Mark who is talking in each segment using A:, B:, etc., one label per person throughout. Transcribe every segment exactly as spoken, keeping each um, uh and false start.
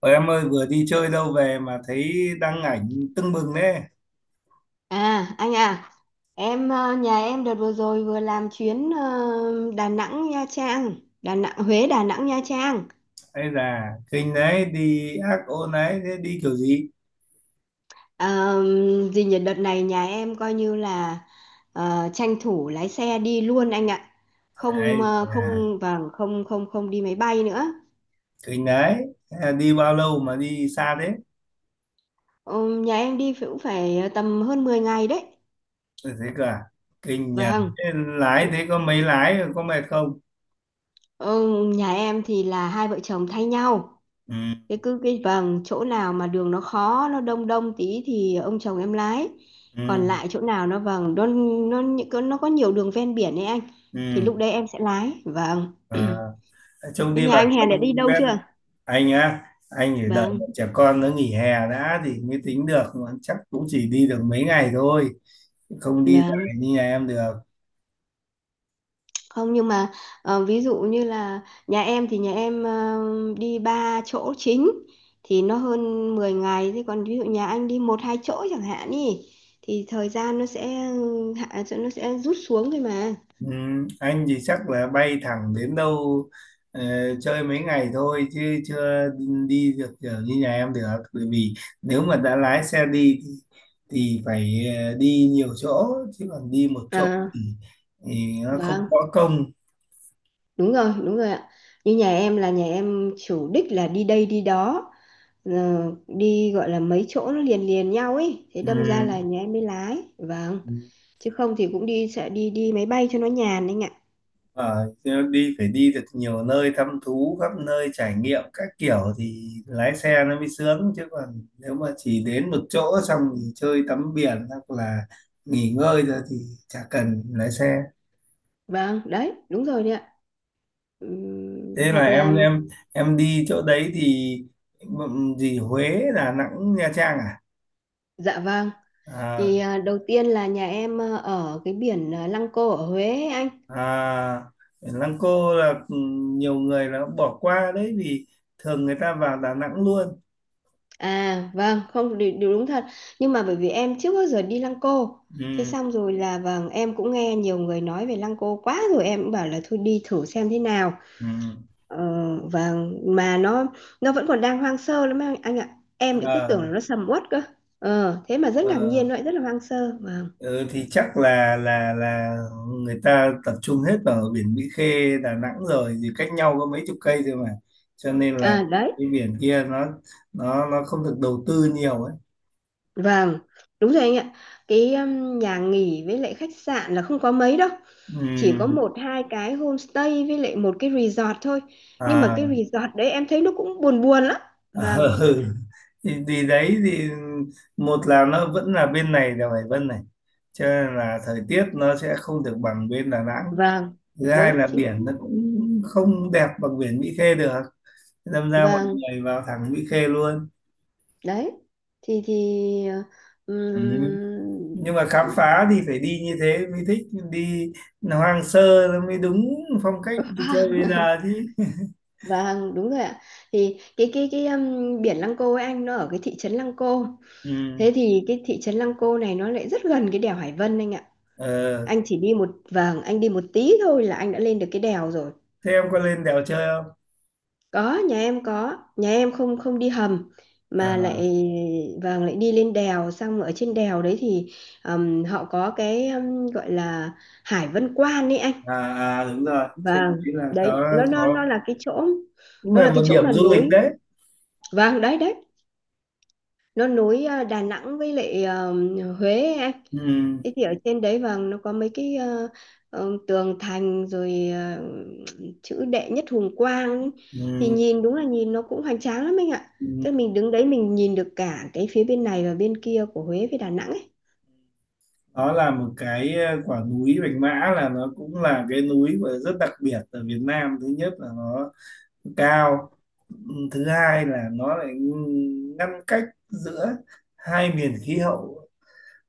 A: Ôi em ơi, vừa đi chơi đâu về mà thấy đăng ảnh tưng bừng đấy.
B: À anh à, em ờ, nhà em đợt vừa rồi vừa làm chuyến ờ, Đà Nẵng Nha Trang, Đà Nẵng Huế Đà Nẵng Nha Trang.
A: Hay là kinh đấy, đi ác ôn đấy, thế đi kiểu gì?
B: Uh, gì nhỉ, đợt này nhà em coi như là ờ, tranh thủ lái xe đi luôn anh ạ. Không
A: Đấy
B: ờ,
A: là
B: không, vâng, không không không đi máy bay nữa.
A: kinh đấy. Thế là đi bao lâu mà đi xa thế?
B: Ờ, nhà em đi cũng phải tầm hơn mười ngày đấy.
A: Ôi, thế cả kinh nhờ.
B: Vâng.
A: Thế lái,
B: Thì-
A: thế có mấy lái có mệt không?
B: Ờ, nhà em thì là hai vợ chồng thay nhau.
A: ừ,
B: cái cứ cái vầng chỗ nào mà đường nó khó, nó đông đông tí thì ông chồng em lái, còn
A: ừ,
B: lại chỗ nào nó vầng nó nó những cái- nó có nhiều đường ven biển ấy anh, thì
A: ừ.
B: lúc đấy em sẽ lái. Vâng.
A: À, trông
B: Thế
A: đi
B: nhà
A: vào
B: anh Hèn đã
A: trong
B: đi đâu chưa?
A: ven. Anh á, anh phải đợi
B: Vâng,
A: bọn trẻ con nó nghỉ hè đã thì mới tính được, mà chắc cũng chỉ đi được mấy ngày thôi, không đi dài
B: vâng,
A: như nhà em được.
B: không, nhưng mà ờ, ví dụ như là nhà em thì nhà em ờ, đi ba chỗ chính thì nó hơn mười ngày. Thế còn ví dụ nhà anh đi một hai chỗ chẳng hạn ý thì thời gian nó sẽ hạ nó sẽ rút xuống thôi mà.
A: Ừ, anh thì chắc là bay thẳng đến đâu, ờ, chơi mấy ngày thôi chứ chưa đi được kiểu như nhà em được. Bởi vì nếu mà đã lái xe đi thì, thì phải ờ, đi nhiều chỗ, chứ còn đi một chỗ
B: À
A: thì, thì nó không
B: vâng,
A: có công.
B: đúng rồi, đúng rồi ạ. Như nhà em là nhà em chủ đích là đi đây đi đó, ờ, đi gọi là mấy chỗ nó liền liền nhau ấy, thế
A: ừ.
B: đâm ra là nhà em mới lái. Vâng.
A: ừ.
B: Chứ không thì cũng đi sẽ đi đi máy bay cho nó nhàn anh ạ.
A: Ờ, đi phải đi được nhiều nơi, thăm thú khắp nơi, trải nghiệm các kiểu thì lái xe nó mới sướng. Chứ còn nếu mà chỉ đến một chỗ xong thì chơi tắm biển hoặc là nghỉ ngơi rồi thì chả cần lái xe.
B: Vâng, đấy, đúng rồi đấy ạ. Ừm,
A: Thế là
B: hoặc là,
A: em em em đi chỗ đấy thì ừm, gì, Huế Đà Nẵng Nha Trang à?
B: dạ vâng,
A: À,
B: thì à, đầu tiên là nhà em à, ở cái biển à, Lăng Cô ở Huế ấy anh.
A: à, Lăng Cô là ừm, nhiều người là bỏ qua đấy, vì thường người ta vào Đà Nẵng luôn.
B: À vâng, không điều, điều đúng thật. Nhưng mà bởi vì em trước bao giờ đi Lăng Cô. Thế
A: Ừ,
B: xong rồi là, vâng, em cũng nghe nhiều người nói về Lăng Cô quá rồi, em cũng bảo là thôi đi thử xem thế nào.
A: ừ.
B: Ờ, vâng, mà nó nó vẫn còn đang hoang sơ lắm anh, anh ạ. Em lại cứ tưởng
A: À,
B: là nó sầm uất cơ. Ờ, thế mà rất ngạc nhiên,
A: ờ.
B: nó lại rất là hoang sơ. Vâng.
A: Ừ, thì chắc là là là người ta tập trung hết vào biển Mỹ Khê Đà Nẵng rồi, thì cách nhau có mấy chục cây thôi mà, cho nên là
B: À đấy.
A: cái biển kia nó nó nó không được đầu tư nhiều ấy.
B: Vâng, đúng rồi anh ạ. Cái um, nhà nghỉ với lại khách sạn là không có mấy đâu. Chỉ có
A: Ừm,
B: một hai cái homestay với lại một cái resort thôi. Nhưng mà cái
A: à.
B: resort đấy em thấy nó cũng buồn buồn lắm. Vâng,
A: Ừ. Ừ. thì, thì đấy thì một là nó vẫn là bên này là Hải Vân này, cho nên là thời tiết nó sẽ không được bằng bên Đà Nẵng.
B: vâng,
A: Thứ hai
B: đúng
A: là
B: chính xác.
A: biển nó cũng không đẹp bằng biển Mỹ Khê được, thế đâm ra mọi
B: Vâng,
A: người vào thẳng Mỹ Khê luôn.
B: đấy. Thì thì
A: Ừ. Nhưng
B: um,
A: mà khám phá thì phải đi như thế mới thích, đi hoang sơ nó mới đúng phong cách đi chơi bây
B: vâng,
A: giờ chứ.
B: vâng, đúng rồi ạ. Thì cái cái cái um, biển Lăng Cô ấy anh, nó ở cái thị trấn Lăng Cô.
A: Ừ.
B: Thế thì cái thị trấn Lăng Cô này nó lại rất gần cái đèo Hải Vân anh ạ,
A: Ờ.
B: anh chỉ đi một vầng anh đi một tí thôi là anh đã lên được cái đèo rồi.
A: Thế em có lên đèo chơi không?
B: Có nhà em có nhà em không, không đi hầm mà lại,
A: À,
B: vâng, lại đi lên đèo, xong ở trên đèo đấy thì ừm, họ có cái, ừm, gọi là Hải Vân Quan ấy anh.
A: à, à đúng rồi, trên
B: Vâng
A: đấy là
B: đấy,
A: có
B: nó nó
A: có
B: nó là cái chỗ
A: cũng
B: nó là
A: là
B: cái
A: một
B: chỗ
A: điểm
B: mà
A: du lịch
B: nối,
A: đấy.
B: vâng đấy đấy, nó nối ờ, Đà Nẵng với lại ờ, Huế ấy anh.
A: Ừ.
B: Thế thì ở trên đấy vàng nó có mấy cái ờ, ờ, tường thành rồi ờ, chữ đệ nhất hùng quang ấy. Thì
A: Ừ.
B: nhìn, đúng là nhìn nó cũng hoành tráng lắm anh ạ,
A: Ừ.
B: tức là mình đứng đấy mình nhìn được cả cái phía bên này và bên kia của Huế với Đà Nẵng ấy.
A: Đó là một cái ờ, quả núi Bạch Mã, là nó cũng là cái núi mà rất đặc biệt ở Việt Nam. Thứ nhất là nó cao. Ừ, thứ hai là nó lại ngăn cách giữa hai miền khí hậu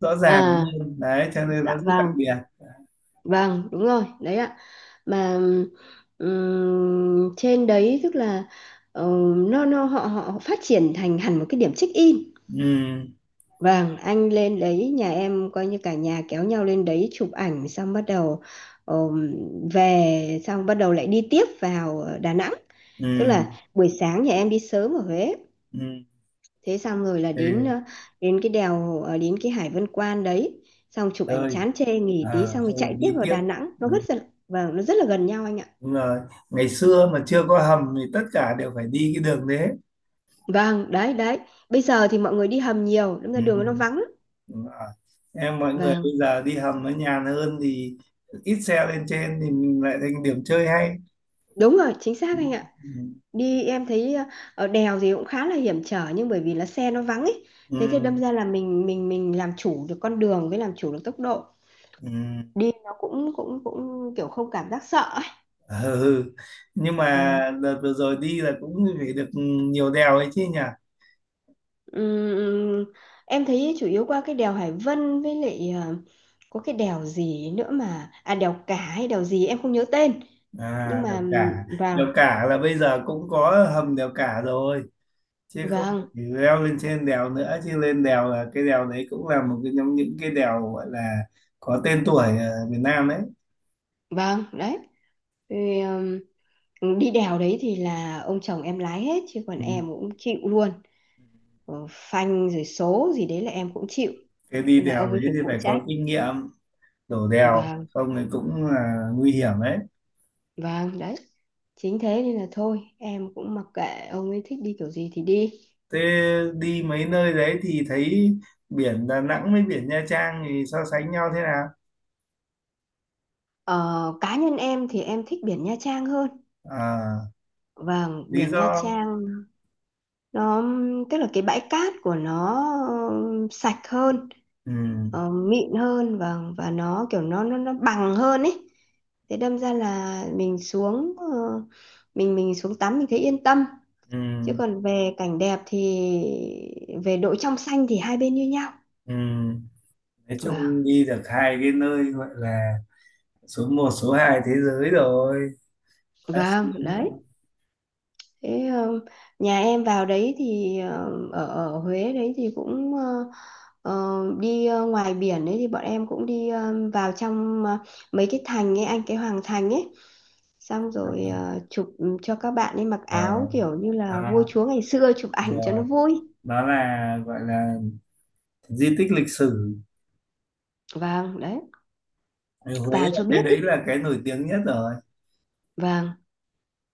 A: rõ ràng
B: À
A: hơn đấy, cho nên nó
B: dạ
A: rất đặc
B: vâng,
A: biệt.
B: vâng đúng rồi đấy ạ. Mà ừm, trên đấy tức là ờ, nó nó họ họ phát triển thành hẳn một cái điểm check in.
A: Ừ.
B: Vâng, anh lên đấy, nhà em coi như cả nhà kéo nhau lên đấy chụp ảnh, xong bắt đầu ờm, về, xong bắt đầu lại đi tiếp vào ờ, Đà Nẵng. Tức
A: Ừ.
B: là buổi sáng nhà em đi sớm ở Huế,
A: Ừ.
B: thế xong rồi là đến
A: Về
B: ờ, đến cái đèo ờ, đến cái Hải Vân Quan đấy, xong chụp ảnh
A: chơi.
B: chán chê, nghỉ tí
A: À,
B: xong rồi
A: xong rồi
B: chạy tiếp
A: đi
B: vào
A: tiếp.
B: Đà Nẵng. Nó
A: Ừ.
B: rất là, vâng, nó rất là gần nhau anh ạ.
A: Đúng rồi, ngày xưa mà chưa có hầm thì tất cả đều phải đi cái đường đấy.
B: Vâng, đấy đấy. Bây giờ thì mọi người đi hầm nhiều, đâm
A: Ừ.
B: ra đường nó vắng lắm.
A: Đúng rồi. Em, mọi người
B: Vâng,
A: bây giờ đi hầm nó nhàn hơn thì ít xe lên trên, thì mình lại thành điểm chơi hay.
B: đúng rồi, chính
A: Ừ.
B: xác anh ạ. Đi em thấy ờ, ở đèo gì cũng khá là hiểm trở, nhưng bởi vì là xe nó vắng ấy, thế thì
A: Ừ.
B: đâm ra là mình mình mình làm chủ được con đường với làm chủ được tốc độ,
A: Ừ. Ừ.
B: đi nó cũng cũng cũng kiểu không cảm giác sợ ấy.
A: Ờ, ừ. Nhưng mà
B: Vâng.
A: đợt vừa rồi đi là cũng phải được nhiều đèo ấy chứ nhỉ?
B: Ừm, ừm, em thấy chủ yếu qua cái đèo Hải Vân với lại ờ, có cái đèo gì nữa, mà à, đèo Cả hay đèo gì em không nhớ tên, nhưng
A: À
B: mà
A: đèo
B: ừm,
A: Cả. Đèo
B: vâng
A: Cả là bây giờ cũng có hầm đèo Cả rồi, chứ không phải
B: vâng
A: leo lên trên đèo nữa. Chứ lên đèo, là cái đèo đấy cũng là một cái trong những cái đèo gọi là có tên tuổi ở Việt Nam đấy.
B: vâng đấy. Thì, ừm, đi đèo đấy thì là ông chồng em lái hết, chứ còn
A: Ừ.
B: em cũng chịu luôn, ờ, phanh rồi số gì đấy là em cũng chịu,
A: Cái đi
B: nên là
A: đèo
B: ông ấy
A: đấy
B: phải
A: thì
B: phụ
A: phải có
B: trách,
A: kinh nghiệm đổ đèo,
B: và
A: không thì cũng là nguy hiểm đấy.
B: và đấy, chính thế nên là thôi em cũng mặc kệ ông ấy thích đi kiểu gì thì đi.
A: Thế đi mấy nơi đấy thì thấy biển Đà Nẵng với biển Nha Trang thì so sánh nhau thế nào?
B: ờ, Cá nhân em thì em thích biển Nha Trang hơn,
A: À,
B: và
A: lý
B: biển
A: do?
B: Nha Trang nó, tức là cái bãi cát của nó ờ, sạch hơn,
A: Ừ,
B: ờ, mịn hơn, và và nó kiểu nó nó nó bằng hơn ấy, thế đâm ra là mình xuống ờ, mình mình xuống tắm mình thấy yên tâm, chứ
A: ừ,
B: còn về cảnh đẹp thì, về độ trong xanh thì hai bên như nhau.
A: ừ. Nói
B: Vâng,
A: chung đi được hai cái nơi gọi là số một số hai thế giới rồi. Đã
B: vâng
A: xuống.
B: đấy. Thế ờ, nhà em vào đấy thì ờ, ở ở Huế đấy thì cũng ờ, ờ, đi ờ, ngoài biển đấy, thì bọn em cũng đi ờ, vào trong ờ, mấy cái thành ấy anh, cái Hoàng Thành ấy, xong
A: À,
B: rồi ờ, chụp cho các bạn ấy mặc áo
A: rồi.
B: kiểu như
A: À,
B: là vua chúa ngày xưa chụp ảnh cho nó
A: rồi.
B: vui.
A: Đó là gọi là di tích lịch sử.
B: Vâng đấy,
A: Thì Huế
B: vào
A: là
B: cho
A: cái
B: biết đi.
A: đấy là cái nổi tiếng nhất rồi.
B: Vâng,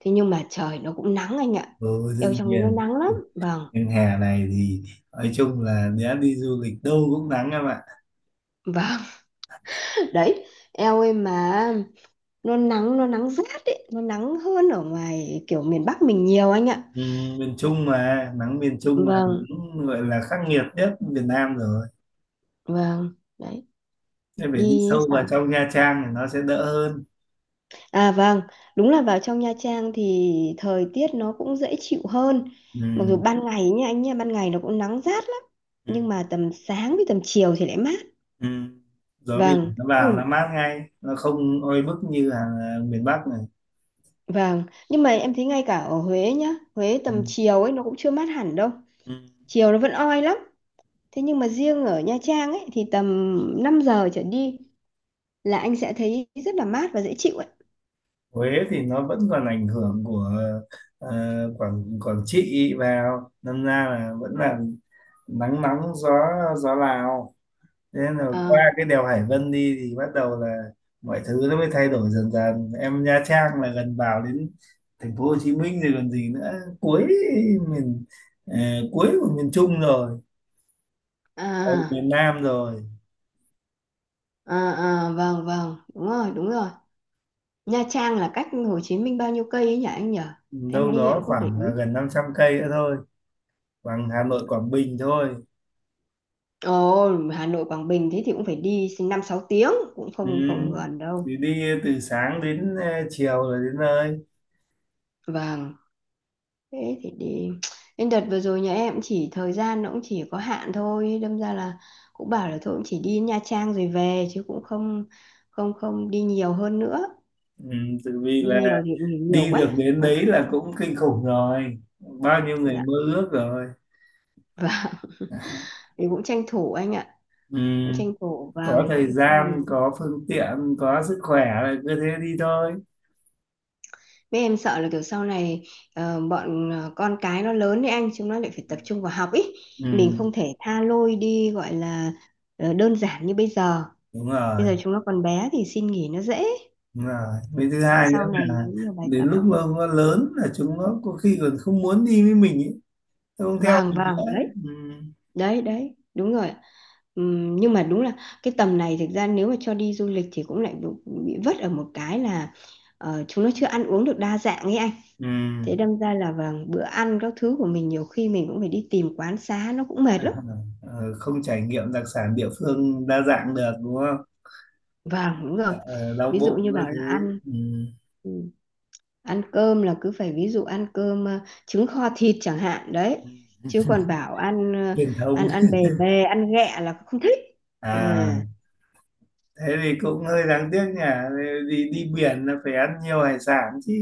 B: thế nhưng mà trời nó cũng nắng anh ạ,
A: Ừ,
B: eo
A: đương
B: trong đấy nó
A: nhiên.
B: nắng lắm. Vâng,
A: Nhưng hè này thì nói chung là đã đi du lịch đâu cũng nắng em ạ.
B: vâng, đấy, eo ơi, mà nó nắng, nó nắng rát ấy, nó nắng hơn ở ngoài kiểu miền Bắc mình nhiều anh ạ.
A: Ừ, miền Trung mà nắng, miền Trung là
B: Vâng,
A: cũng gọi là khắc nghiệt nhất Việt Nam rồi.
B: vâng đấy.
A: Em phải
B: Đi
A: đi
B: ấy
A: sâu vào
B: sao?
A: trong Nha Trang thì nó sẽ đỡ hơn.
B: À vâng, đúng là vào trong Nha Trang thì thời tiết nó cũng dễ chịu hơn, mặc dù
A: Ừ.
B: ban ngày nha anh, nha, ban ngày nó cũng nắng rát lắm,
A: Ừ.
B: nhưng mà tầm sáng với tầm chiều thì lại mát.
A: Ừ. Gió biển
B: Vâng,
A: nó
B: chứ
A: vào
B: còn.
A: nó mát ngay, nó không oi bức như ở miền Bắc này.
B: Vâng, nhưng mà em thấy ngay cả ở Huế nhá, Huế
A: Ừ.
B: tầm chiều ấy nó cũng chưa mát hẳn đâu.
A: Ừ.
B: Chiều nó vẫn oi lắm. Thế nhưng mà riêng ở Nha Trang ấy thì tầm năm giờ trở đi là anh sẽ thấy rất là mát và dễ chịu ấy.
A: Huế thì nó vẫn còn ảnh hưởng của ờ, Quảng Quảng Trị vào, đâm ra là vẫn là nắng nóng, gió gió Lào. Thế là qua
B: Ờ,
A: cái đèo Hải Vân đi thì bắt đầu là mọi thứ nó mới thay đổi dần dần. Em, Nha Trang là gần vào đến thành phố Hồ Chí Minh rồi còn gì nữa, cuối miền, ờ, cuối của miền Trung rồi, ở
B: à,
A: miền Nam rồi.
B: à, à, vâng, vâng, đúng rồi, đúng rồi. Nha Trang là cách Hồ Chí Minh bao nhiêu cây ấy nhỉ anh nhỉ? Em
A: Đâu
B: đi
A: đó
B: em không để
A: khoảng là
B: ý.
A: gần năm trăm cây nữa thôi, bằng Hà Nội Quảng Bình thôi.
B: Ồ, Hà Nội Quảng Bình, thế thì cũng phải đi năm sáu tiếng, cũng
A: Ừ.
B: không không gần đâu.
A: Thì đi từ sáng đến ờ, chiều rồi đến nơi.
B: Vâng. Thế thì đi Nên đợt vừa rồi nhà em cũng chỉ thời gian nó cũng chỉ có hạn thôi, đâm ra là cũng bảo là thôi, cũng chỉ đi Nha Trang rồi về, chứ cũng không không không đi nhiều hơn nữa,
A: Ừ. Tự vì
B: đi
A: là
B: nhiều thì nghỉ nhiều
A: đi được
B: quá.
A: đến
B: À,
A: đấy là cũng kinh khủng rồi, bao nhiêu người
B: dạ,
A: mơ ước rồi.
B: và thì cũng tranh thủ anh ạ,
A: Ừ.
B: cũng tranh thủ vào
A: Có thời
B: chứ không thì,
A: gian, có phương tiện, có sức khỏe là cứ thế đi thôi.
B: mấy em sợ là kiểu sau này ờ, bọn ờ, con cái nó lớn đấy anh, chúng nó lại phải tập trung vào học ý, mình
A: Ừ,
B: không thể tha lôi đi, gọi là ờ, đơn giản như bây giờ,
A: đúng rồi,
B: bây giờ chúng nó còn bé thì xin nghỉ nó dễ.
A: đúng rồi. Với thứ
B: Dạ,
A: hai nữa
B: sau này
A: là
B: nếu như bài
A: đến
B: tập.
A: lúc mà nó lớn là chúng nó có khi còn không muốn đi với mình ấy, nó không theo
B: Vàng
A: mình
B: vàng,
A: nữa.
B: đấy
A: Ừ.
B: đấy đấy, đúng rồi. Ừm, nhưng mà đúng là cái tầm này thực ra nếu mà cho đi du lịch thì cũng lại bị bị vất ở một cái là ờ, chúng nó chưa ăn uống được đa dạng ấy anh,
A: Ừ.
B: thế đâm ra là vàng, bữa ăn các thứ của mình nhiều khi mình cũng phải đi tìm quán xá nó cũng mệt lắm.
A: Ờ, không trải nghiệm đặc sản địa phương đa dạng được, đúng không?
B: Vâng đúng rồi.
A: Ờ, đau
B: Ví dụ
A: bụng
B: như
A: các
B: bảo là
A: thứ.
B: ăn
A: Ừ.
B: ừ, ăn cơm là cứ phải, ví dụ ăn cơm ờ, trứng kho thịt chẳng hạn đấy,
A: Ừ.
B: chứ còn bảo ăn ờ,
A: Truyền thống.
B: ăn ăn bề bề, ăn ghẹ là không thích. À.
A: À, thế thì cũng hơi đáng tiếc nhỉ, đi đi biển là phải ăn nhiều hải sản chứ.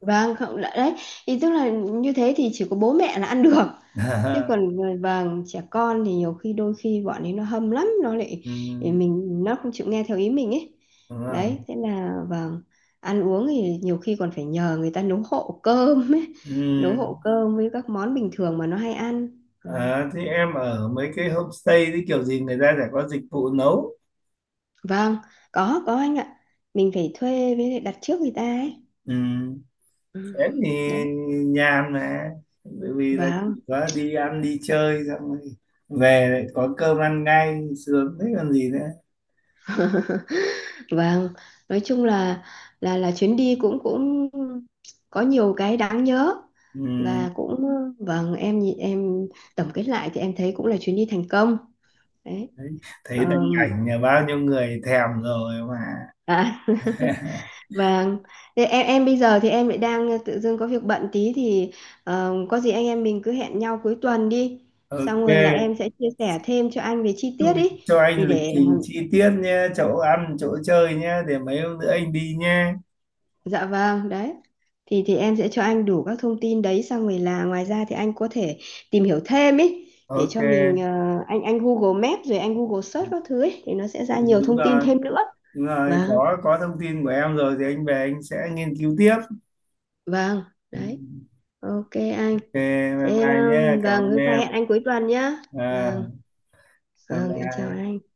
B: Vâng, không đã- đấy, thì tức là như thế thì chỉ có bố mẹ là ăn được, chứ còn, vâng, trẻ con thì nhiều khi đôi khi bọn ấy nó hâm lắm, nó lại
A: Ừ.
B: thì mình, nó không chịu nghe theo ý mình ấy,
A: Đúng
B: đấy
A: không?
B: thế là vâng, ăn uống thì nhiều khi còn phải nhờ người ta nấu hộ cơm ấy,
A: Ừ.
B: nấu hộ cơm với các món bình thường mà nó hay ăn. Ừ.
A: À, thế em ở mấy cái homestay thì kiểu gì người ta sẽ có dịch vụ nấu.
B: Vâng, có có anh ạ, mình phải thuê với lại đặt trước người ta ấy.
A: Ừ.
B: Ừ.
A: Em thì
B: Đấy.
A: nhàn mà. Bởi vì là chỉ
B: Vâng.
A: có đi ăn đi chơi xong rồi về lại có cơm ăn ngay, sướng thế còn gì nữa.
B: Vâng, nói chung là là là chuyến đi cũng cũng có nhiều cái đáng nhớ,
A: Ừ.
B: và cũng, vâng, em nhìn- em tổng kết lại thì em thấy cũng là chuyến đi thành công, đấy.
A: Đấy. Thấy đăng
B: Ờm,
A: ảnh nhà bao nhiêu người thèm rồi mà.
B: À, vâng. Thế em em bây giờ thì em lại đang tự dưng có việc bận tí thì, ờm, có gì anh em mình cứ hẹn nhau cuối tuần đi, xong
A: Ok.
B: rồi là em sẽ chia sẻ thêm cho anh về chi
A: Xong
B: tiết
A: mình
B: ý,
A: cho anh
B: thì
A: lịch
B: để.
A: trình chi tiết nhé, chỗ ăn, chỗ chơi nhé, để mấy hôm nữa anh đi nhé.
B: Dạ vâng, đấy. Thì thì em sẽ cho anh đủ các thông tin đấy, xong rồi là ngoài ra thì anh có thể tìm hiểu thêm ý, để
A: Ok,
B: cho mình ờ, anh, anh Google Maps rồi anh Google search các thứ ấy thì nó sẽ ra nhiều
A: đúng
B: thông tin
A: rồi.
B: thêm nữa.
A: Đúng rồi,
B: Vâng,
A: có có thông tin của em rồi thì anh về anh sẽ nghiên cứu tiếp.
B: vâng, đấy. Ok anh.
A: Ok, bye
B: Thế
A: bye nhé,
B: um,
A: cảm
B: vâng,
A: ơn
B: hôm nay
A: em.
B: hẹn anh cuối tuần nhá.
A: À,
B: Vâng,
A: bye
B: vâng, em chào
A: bye.
B: anh.